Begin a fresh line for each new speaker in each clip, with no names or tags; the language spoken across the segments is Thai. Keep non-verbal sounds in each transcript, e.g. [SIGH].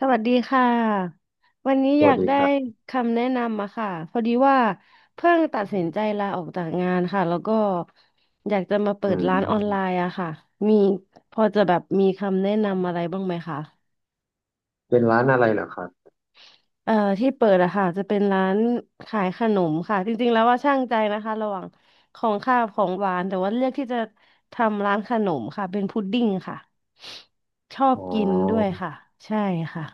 สวัสดีค่ะวันนี้
ส
อยา
วัส
ก
ดี
ได้
ครับ
คำแนะนำมาค่ะพอดีว่าเพิ่งตัดสินใจลาออกจากงานค่ะแล้วก็อยากจะมาเปิ
อื
ดร้านออนไล
ม
น์อะค่ะมีพอจะแบบมีคำแนะนำอะไรบ้างไหมคะ
เป็นร้านอะไรเหรอครับ
เอ่อที่เปิดอะค่ะจะเป็นร้านขายขนมค่ะจริงๆแล้วว่าช่างใจนะคะระหว่างของข้าวของหวานแต่ว่าเลือกที่จะทำร้านขนมค่ะเป็นพุดดิ้งค่ะชอบ
อ๋
กินด้วย
อ
ค่ะใช่ค่ะ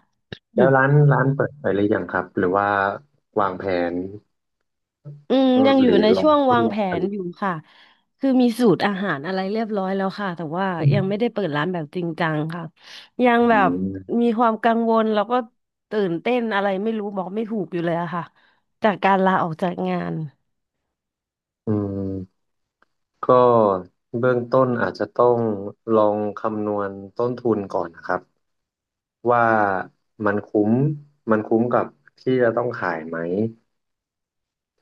แล้วร้านเปิดไปหรือยังครับ หรือว่าวางแผน
อืมยังอ
ห
ยู่
รือ
ใน
ลอ
ช่
ง
วง
ท
วา
ด
ง
ล
แผ
องผ
น
ลิต
อยู่ค่ะคือมีสูตรอาหารอะไรเรียบร้อยแล้วค่ะแต่ว่ายังไม่
อื
ได้เปิดร้านแบบจริงจังค่ะยังแบบ
ม
มีความกังวลแล้วก็ตื่นเต้นอะไรไม่รู้บอกไม่ถูกอยู่เลยอะค่ะจากการลาออกจากงาน
อืมก็เบื้องต้นอาจจะต้องลองคำนวณต้นทุนก่อนนะครับว่ามันคุ้มมันคุ้มกับที่จะต้องขายไหม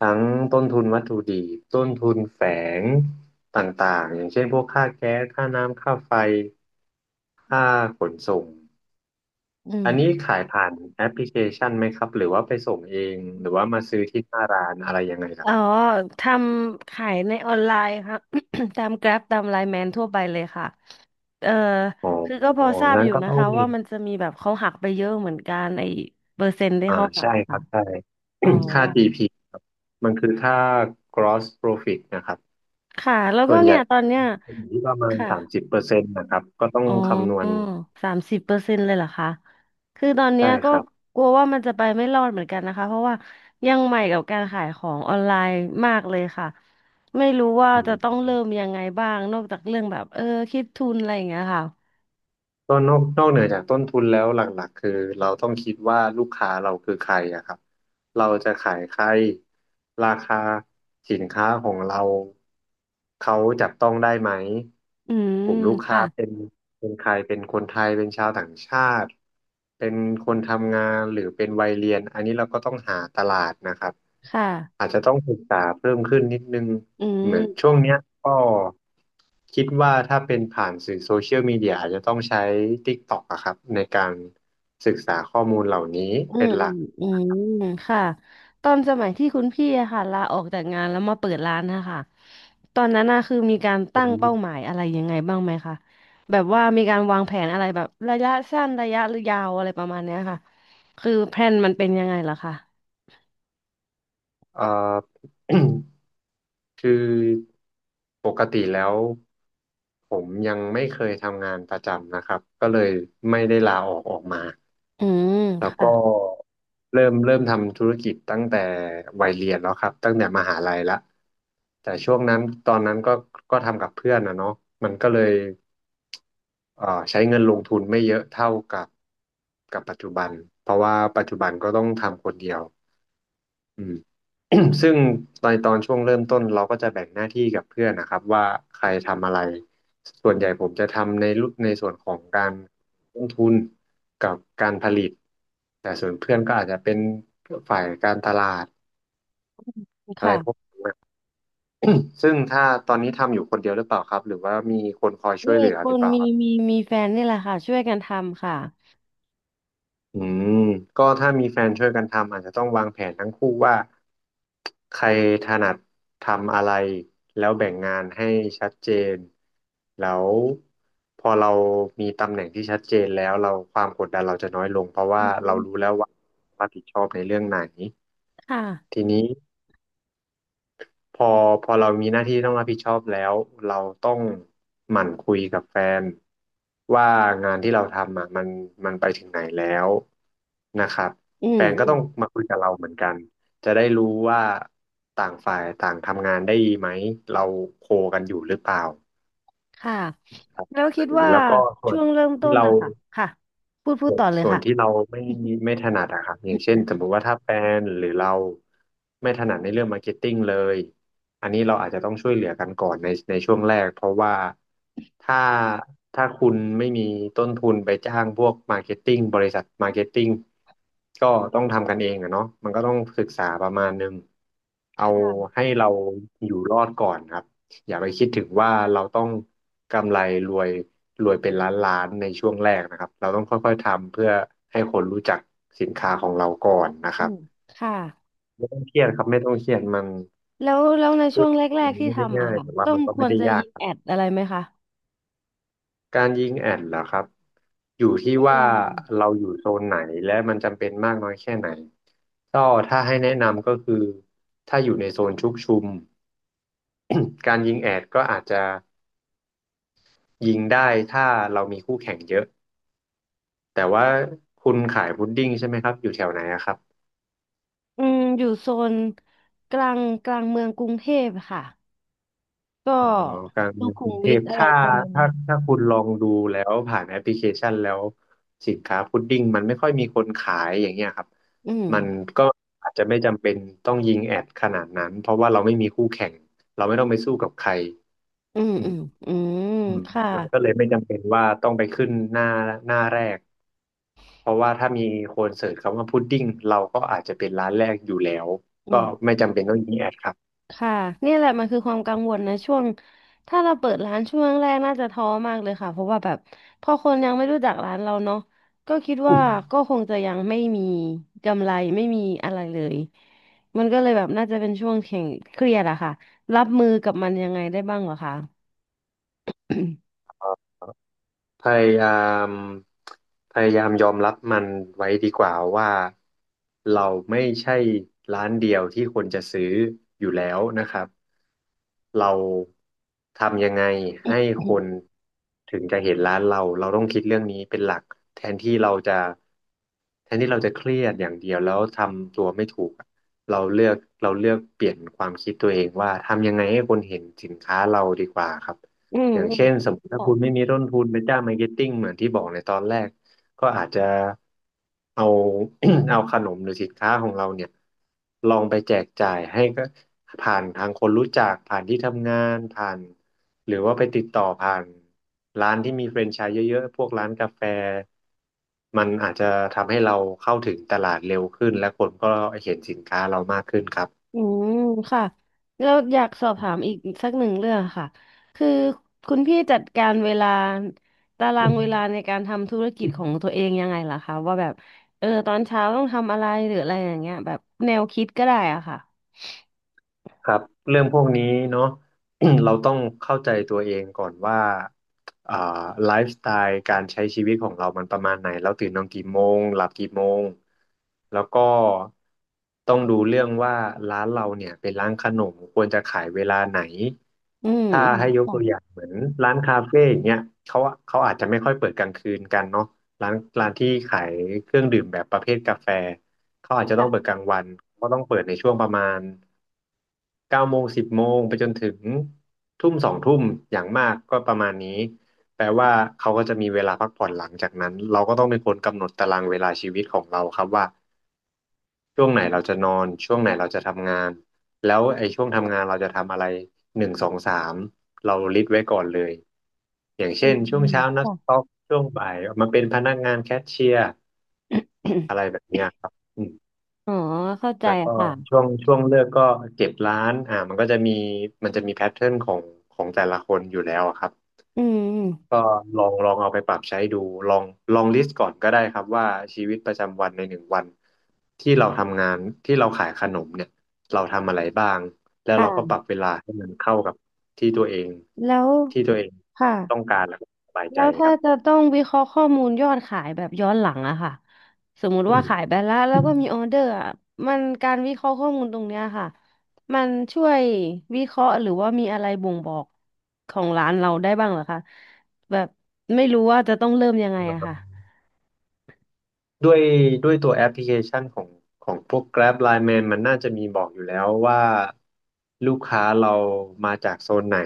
ทั้งต้นทุนวัตถุดิบต้นทุนแฝงต่างๆอย่างเช่นพวกค่าแก๊สค่าน้ำค่าไฟค่าขนส่ง
อืม
อันนี้ขายผ่านแอปพลิเคชันไหมครับหรือว่าไปส่งเองหรือว่ามาซื้อที่หน้าร้านอะไรยังไงล่ะ
อ๋อ
ครับ
ทำขายในออนไลน์ค่ะ [COUGHS] ตาม Grab ตาม l ลน e แมนทั่วไปเลยค่ะเออ
อ๋
คือก็พอ
อ
ทราบ
งั้
อ
น
ยู่
ก็
นะ
ต้อง
คะว่ามันจะมีแบบเขาหักไปเยอะเหมือนกันไอ้เปอร์เซ็นต์ที่
อ่า
เขาหัก
ใช่
อะ
ครั
ค่ะ
บใช่ [COUGHS]
อ๋อ
[CLEARS THROAT] ค่า GP ครับมันคือค่า gross profit นะครับ
ค่ะแล้ว
ส่
ก็
วนให
เนี่
ญ่
ยตอนเนี้ย
จะอยู่ที่ประมาณ
ค่ะ
30%นะครับก็ต้อง
อ๋
คำนว
อ
ณ
30%เลยเหรอคะคือตอนเนี้
ใช่
ยก็
ครับ
กลัวว่ามันจะไปไม่รอดเหมือนกันนะคะเพราะว่ายังใหม่กับการขายของออนไลน์มากเลยค่ะไม่รู้ว่าจะต้องเริ่มยังไงบ้างนอกจากเรื่องแบบคิดทุนอะไรอย่างเงี้ยค่ะ
ก็นอกเหนือจากต้นทุนแล้วหลักๆคือเราต้องคิดว่าลูกค้าเราคือใครอะครับเราจะขายใครราคาสินค้าของเราเขาจับต้องได้ไหม
อื
ก
ม
ลุ่มลูกค้า
ค่ะ
เป็นใครเป็นคนไทยเป็นชาวต่างชาติเป็นคนทำงานหรือเป็นวัยเรียนอันนี้เราก็ต้องหาตลาดนะครับ
ค่ะ
อาจจะต้องศึกษาเพิ่มขึ้นนิดนึง
อื
เหมือน
ม
ช่วงเนี้ยก็คิดว่าถ้าเป็นผ่านสื่อโซเชียลมีเดียอาจจะต้องใช้ TikTok อะครับในการศึกษาข้อมูลเหล่านี้
อื
เป็
ม
นหลัก
อืมอืมค่ะตอนสมัยที่คุณพี่อะค่ะลาออกจากงานแล้วมาเปิดร้านนะคะตอนนั้นนะคือมีการ
ผ
ตั้ง
ม
เป้าหมายอะไรยังไงบ้างไหมคะแบบว่ามีการวางแผนอะไรแบบระยะสั้นระยะยาวอะไรประมาณเนี้ยค่ะคือแพลนมันเป็นยังไงล่ะคะ
[COUGHS] เอ่อ [CLEARS THROAT] คือปกติแล้วผมยังไม่เคยทำงานประจำนะครับก็เลยไม่ได้ลาออกออกมา
อืม
แล้ว
ค่ะ
ก็เริ่มทำธุรกิจตั้งแต่วัยเรียนแล้วครับตั้งแต่มหาลัยละแต่ช่วงนั้นตอนนั้นก็ทำกับเพื่อนนะเนาะมันก็เลยใช้เงินลงทุนไม่เยอะเท่ากับปัจจุบันเพราะว่าปัจจุบันก็ต้องทำคนเดียว อืม [CLEARS THROAT] ซึ่งในตอนช่วงเริ่มต้นเราก็จะแบ่งหน้าที่กับเพื่อนนะครับว่าใครทำอะไรส่วนใหญ่ผมจะทำในรุ่นในส่วนของการลงทุนกับการผลิตแต่ส่วนเพื่อนก็อาจจะเป็นฝ่ายการตลาดอะไรพวก
ค่ะ
ซึ่งถ้าตอนนี้ทำอยู่คนเดียวหรือเปล่าครับหรือว่ามีคนคอยช่ว
นี่
ยเหลือ
ค
หรือ
น
เปล่า
มีแฟนนี่แหละค่ะช่วยกันทำค่ะ
อืมก็ถ้ามีแฟนช่วยกันทำอาจจะต้องวางแผนทั้งคู่ว่าใครถนัดทำอะไรแล้วแบ่งงานให้ชัดเจนแล้วพอเรามีตำแหน่งที่ชัดเจนแล้วเราความกดดันเราจะน้อยลงเพราะ
อื
ว่า
อฮึ
เรารู้แล้วว่ารับผิดชอบในเรื่องไหน
ค่ะ
ทีนี้ พอพอเรามีหน้าที่ต้องรับผิดชอบแล้วเราต้องหมั่นคุยกับแฟนว่างานที่เราทำอ่ะมันไปถึงไหนแล้วนะครับ
อืม
แฟน
อื
ก็ต้
ม
องมาคุยกับเราเหมือนกันจะได้รู้ว่าต่างฝ่ายต่างทำงานได้ดีไหมเราโคกันอยู่หรือเปล่า
ค่ะแล้วคิ
อัน
ด
นี้
ว่า
แล้วก็ส่ว
ช่
น
วงเริ่มต้
ที่
น
เรา
นะคะค่ะพูดต่อเลย
ส่วน
ค่ะ
ที่เราไม่ถนัดอะครับอย่างเช่นสมมุติว่าถ้าแบรนด์หรือเราไม่ถนัดในเรื่องมาร์เก็ตติ้งเลยอันนี้เราอาจจะต้องช่วยเหลือกันก่อนในช่วงแรกเพราะว่าถ้าถ้าคุณไม่มีต้นทุนไปจ้างพวกมาร์เก็ตติ้งบริษัทมาร์เก็ตติ้งก็ต้องทำกันเองอะเนาะมันก็ต้องศึกษาประมาณนึง
ค
เอา
่ะ
ให้เราอยู่รอดก่อนครับ อย่าไปคิดถึงว่าเราต้องกำไรรวยรวยเป็นล้านล้านในช่วงแรกนะครับเราต้องค่อยๆทำเพื่อให้คนรู้จักสินค้าของเราก่อนนะค
อื
รับ
มค่ะ
ไม่ต้องเครียดครับไม่ต้องเครียดมัน
แล้วใน
ธุ
ช่
ร
วง
กิจ
แรก
มัน
ๆที่
ไม่ได้
ทำอะ
ง่าย
ค่ะ
แต่ว่า
ต้อ
มั
ง
นก็
ค
ไม่
วร
ได้
จะ
ยา
ยิ
ก
ง
ครับ
แอดอะไรไหมคะ
การยิงแอดเหรอครับอยู่ที่
อื
ว่า
ม
เราอยู่โซนไหนและมันจำเป็นมากน้อยแค่ไหนก็ถ้าให้แนะนำก็คือถ้าอยู่ในโซนชุกชุม [CLEARS THROAT] การยิงแอดก็อาจจะยิงได้ถ้าเรามีคู่แข่งเยอะ แต่ว่าคุณขายพุดดิ้งใช่ไหมครับอยู่แถวไหนอะครับ
อืมอยู่โซนกลางเมืองกรุงเทพค่ะ ก็
อ๋อกลาง
สุ
เมือง
ขุ
ก
ม
รุงเท
วิท
พ
อะไร
ถ้า
ประมาณนั้
ถ้า
น
ถ้าคุณลองดูแล้วผ่านแอปพลิเคชันแล้วสินค้าพุดดิ้งมันไม่ค่อยมีคนขายอย่างเงี้ยครับ
อืม
มันก็อาจจะไม่จำเป็นต้องยิงแอดขนาดนั้นเพราะว่าเราไม่มีคู่แข่งเราไม่ต้องไปสู้กับใคร
อืม
อื
อื
ม
มอืม
อืม
ค่ะ
มันก็เลยไม่จำเป็นว่าต้องไปขึ้นหน้าแรกเพราะว่าถ้ามีคนเสิร์ชคำว่าพุดดิ้งเราก็อาจจะเป็นร้านแรกอยู่แล้ว
อื
ก็ไม่
ม
จำเป็นต้องยิงแอดครับ
ค่ะเนี่ยแหละมันคือความกังวลนะช่วงถ้าเราเปิดร้านช่วงแรกน่าจะท้อมากเลยค่ะเพราะว่าแบบพอคนยังไม่รู้จักร้านเราเนาะก็คิดว่า
[COUGHS]
ก็คงจะยังไม่มีกำไรไม่มีอะไรเลยมันก็เลยแบบน่าจะเป็นช่วงแข่งเครียดอะค่ะรับมือกับมันยังไงได้บ้างเหรอคะ
พยายามยอมรับมันไว้ดีกว่าว่าเราไม่ใช่ร้านเดียวที่คนจะซื้ออยู่แล้วนะครับเราทำยังไงให้คนถึงจะเห็นร้านเราเราต้องคิดเรื่องนี้เป็นหลักแทนที่เราจะแทนที่เราจะเครียดอย่างเดียวแล้วทำตัวไม่ถูกอะเราเลือกเราเลือกเปลี่ยนความคิดตัวเองว่าทำยังไงให้คนเห็นสินค้าเราดีกว่าครับ
[COUGHS] อืม
อย่าง
อืม
เช่นสมมติถ้าคุณไม่
ค่ะ
มีต้นทุนไปจ้างมาร์เก็ตติ้งเหมือนที่บอกในตอนแรกก็อาจจะเอา [COUGHS] [CLEARS THROAT] เอาขนมหรือสินค้าของเราเนี่ยลองไปแจกจ่ายให้ก็ผ่านทางคนรู้จักผ่านที่ทำงานผ่านหรือว่าไปติดต่อผ่านร้านที่มีแฟรนไชส์เยอะๆพวกร้านกาแฟมันอาจจะทำให้เราเข้าถึงตลาดเร็วขึ้นและคนก็เห็นสินค้าเรามากขึ้นครับ
อืมค่ะแล้วอยากสอบถามอีกสักหนึ่งเรื่องค่ะคือคุณพี่จัดการเวลาตารางเวลาในการทำธุรกิจของตัวเองยังไงล่ะคะว่าแบบตอนเช้าต้องทำอะไรหรืออะไรอย่างเงี้ยแบบแนวคิดก็ได้อ่ะค่ะ
ครับเรื่องพวกนี้เนาะ [CLEARS THROAT] เราต้องเข้าใจตัวเองก่อนว่าอ่าไลฟ์สไตล์การใช้ชีวิตของเรามันประมาณไหนเราตื่นนอนกี่โมงหลับกี่โมงแล้วก็ต้องดูเรื่องว่าร้านเราเนี่ยเป็นร้านขนมควรจะขายเวลาไหน
อืม
ถ้าให้ยก
อื
ตั
ม
วอย่างเหมือนร้านคาเฟ่อย่างเงี้ยเขาเขาอาจจะไม่ค่อยเปิดกลางคืนกันเนาะร้านร้านที่ขายเครื่องดื่มแบบประเภทกาแฟเขาอาจจะต้
จ้ะ
องเปิด
ค่ะ
กลางวันเขาก็ต้องเปิดในช่วงประมาณ เก้าโมงสิบโมงไปจนถึงทุ่มสองทุ่มอย่างมากก็ประมาณนี้แปลว่าเขาก็จะมีเวลาพักผ่อนหลังจากนั้นเราก็ต้องเป็นคนกำหนดตารางเวลาชีวิตของเราครับว่าช่วงไหนเราจะนอนช่วงไหนเราจะทำงานแล้วไอ้ช่วงทำงานเราจะทำอะไรหนึ่งสองสามเราลิสต์ไว้ก่อนเลยอย่าง
อื
เช่น
ม
ช่
อื
วง
ม
เช้านัก
ค่ะ
สต็อกช่วงบ่ายมาเป็นพนักงานแคชเชียร์
[COUGHS]
อะไรแบบเนี้ยครับ
อ๋อเข้าใจ
แล้วก็
ค่ะ
ช่วงเลิกก็เก็บร้านอ่ามันก็จะมีมันจะมีแพทเทิร์นของของแต่ละคนอยู่แล้วอะครับ
อืม
ก็ลองเอาไปปรับใช้ดูลองลองลิสต์ก่อนก็ได้ครับว่าชีวิตประจำวันในหนึ่งวันที่เราทำงานที่เราขายขนมเนี่ยเราทำอะไรบ้างแล้ว
ค่ะ
เราก็ปรับเวลาให้มันเข้ากับที่ตัวเอง
แล้ว
ที่ตัวเอง
ค่ะ
ต้องการแล้วก็สบาย
แล้
ใจ
ว
ค
ถ้า
รั
จะ
บ
ต้องวิเคราะห์ข้อมูลยอดขายแบบย้อนหลังอะค่ะสมมุติ
อื
ว่าขาย
ม
ไปแล้วแล้วก็มีออเดอร์อะมันการวิเคราะห์ข้อมูลตรงเนี้ยค่ะมันช่วยวิเคราะห์หรือว่ามีอะไรบ่งบอกของร้านเราได้บ้างเหรอคะแบบไม่รู้ว่าจะต้องเริ่มยังไงอะค่ะ
ด้วยด้วยตัวแอปพลิเคชันของของพวก Grab Line Man มันน่าจะมีบอกอยู่แล้วว่าลูกค้าเรามาจากโซนไหน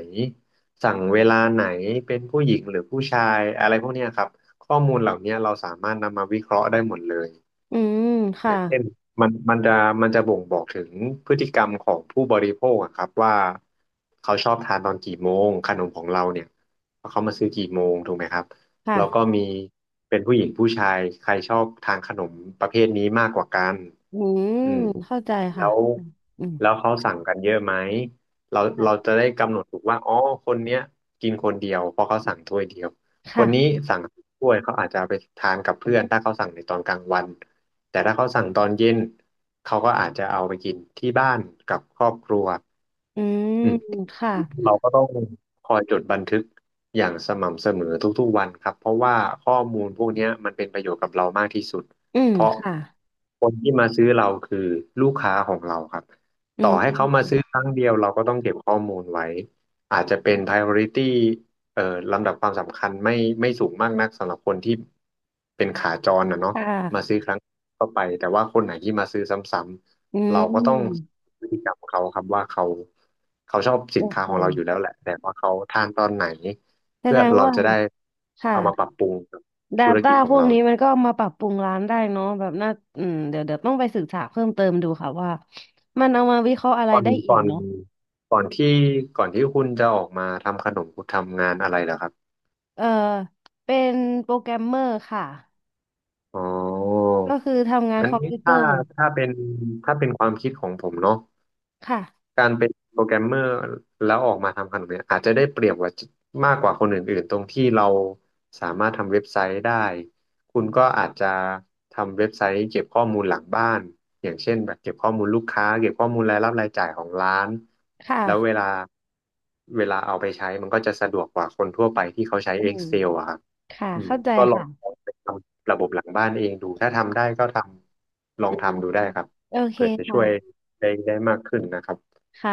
สั่งเวลาไหนเป็นผู้หญิงหรือผู้ชายอะไรพวกเนี้ยครับข้อมูลเหล่าเนี้ยเราสามารถนำมาวิเคราะห์ได้หมดเลย
อืม
อ
ค่ะ
ย่างเช่นมันจะบ่งบอกถึงพฤติกรรมของผู้บริโภคอะครับว่าเขาชอบทานตอนกี่โมงขนมของเราเนี่ยเขามาซื้อกี่โมงถูกไหมครับแล้วก็
ค่ะ
มีเป็นผู้หญิงผู้ชายใครชอบทานขนมประเภทนี้มากกว่ากัน
อืม
อืม
เข้าใจ
แล้
ค่ะ
ว
เข้าใจอืม
เขาสั่งกันเยอะไหม
ค่ะ
เราจะได้กำหนดถูกว่าอ๋อคนเนี้ยกินคนเดียวเพราะเขาสั่งถ้วยเดียว ค
ค่ะ
นนี้สั่งถ้วยเขาอาจจะเอาไปทานกับเพื่อนถ้าเขาสั่งในตอนกลางวันแต่ถ้าเขาสั่งตอนเย็นเขาก็อาจจะเอาไปกินที่บ้านกับครอบครัว
อืมค่ะ
เราก็ต้องคอยจดบันทึกอย่างสม่ำเสมอทุกๆวันครับเพราะว่าข้อมูลพวกเนี้ยมันเป็นประโยชน์กับเรามากที่สุด
อืม
เพราะ
ค่ะ
คนที่มาซื้อเราคือลูกค้าของเราครับ
อื
ต่อให้เขามา
ม
ซื้อครั้งเดียวเราก็ต้องเก็บข้อมูลไว้อาจจะเป็น priority เอ่อลำดับความสำคัญไม่สูงมากนักสำหรับคนที่เป็นขาจรนะเนาะ
ค่
มาซื้
ะ
อครั้งก็ไปแต่ว่าคนไหนที่มาซื้อซ้ำ
อื
ๆเราก็ต้อง
ม
พฤติกรรมเขาครับว่าเขาชอบสิ
โอ
นค้า
เค
ของเราอยู่แล้วแหละแต่ว่าเขาทานตอนไหน
แส
เพื่
ด
อ
ง
เรา
ว่า
จะได้
ค่ะ
เอามาปรับปรุงกับธุร
Data
กิจข
พ
อง
วก
เรา
นี้มันก็เอามาปรับปรุงร้านได้เนาะแบบน่าอืมเดี๋ยวต้องไปศึกษาเพิ่มเติมดูค่ะว่ามันเอามาวิเคราะห์อะไร
ก่อน
ได้อี
ก่อ
ก
น
เนาะ
ก่อนที่ก่อนที่คุณจะออกมาทำขนมคุณทำงานอะไรเหรอครับ
เออเป็นโปรแกรมเมอร์ค่ะ
อ๋อ
ก็คือทำงาน
อัน
คอม
นี้
พิวเตอ
ถ้า
ร์
ถ้าเป็นถ้าเป็นความคิดของผมเนาะ
ค่ะ
การเป็นโปรแกรมเมอร์แล้วออกมาทำขนมเนี่ยอาจจะได้เปรียบกว่ามากกว่าคนอื่นๆตรงที่เราสามารถทำเว็บไซต์ได้คุณก็อาจจะทำเว็บไซต์เก็บข้อมูลหลังบ้านอย่างเช่นแบบเก็บข้อมูลลูกค้าเก็บข้อมูลรายรับรายจ่ายของร้าน
ค
แล้วเว
่ะ
เวลาเอาไปใช้มันก็จะสะดวกกว่าคนทั่วไปที่เขาใช้
อืม
Excel อะครับ
ค่ะ
อืม
เข้าใจ
ก็ลอง
ค่ะ
ไปทำระบบหลังบ้านเองดูถ้าทำได้ก็ทำลอ
อื
ง
ม
ทำดูได้ครับ
โอเค
เผื่อจะช่
ค่ะ
วยได้มากขึ้นนะครับ
ค่ะ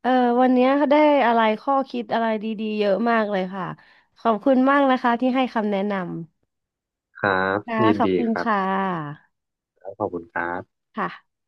เออวันนี้าได้อะไรข้อคิดอะไรดีๆเยอะมากเลยค่ะขอบคุณมากนะคะที่ให้คำแนะน
ครับ
ำค่ะ
ยิน
ขอ
ดี
บคุณ
ครั
ค่
บ
ะ
ขอบคุณครับ
ค่ะ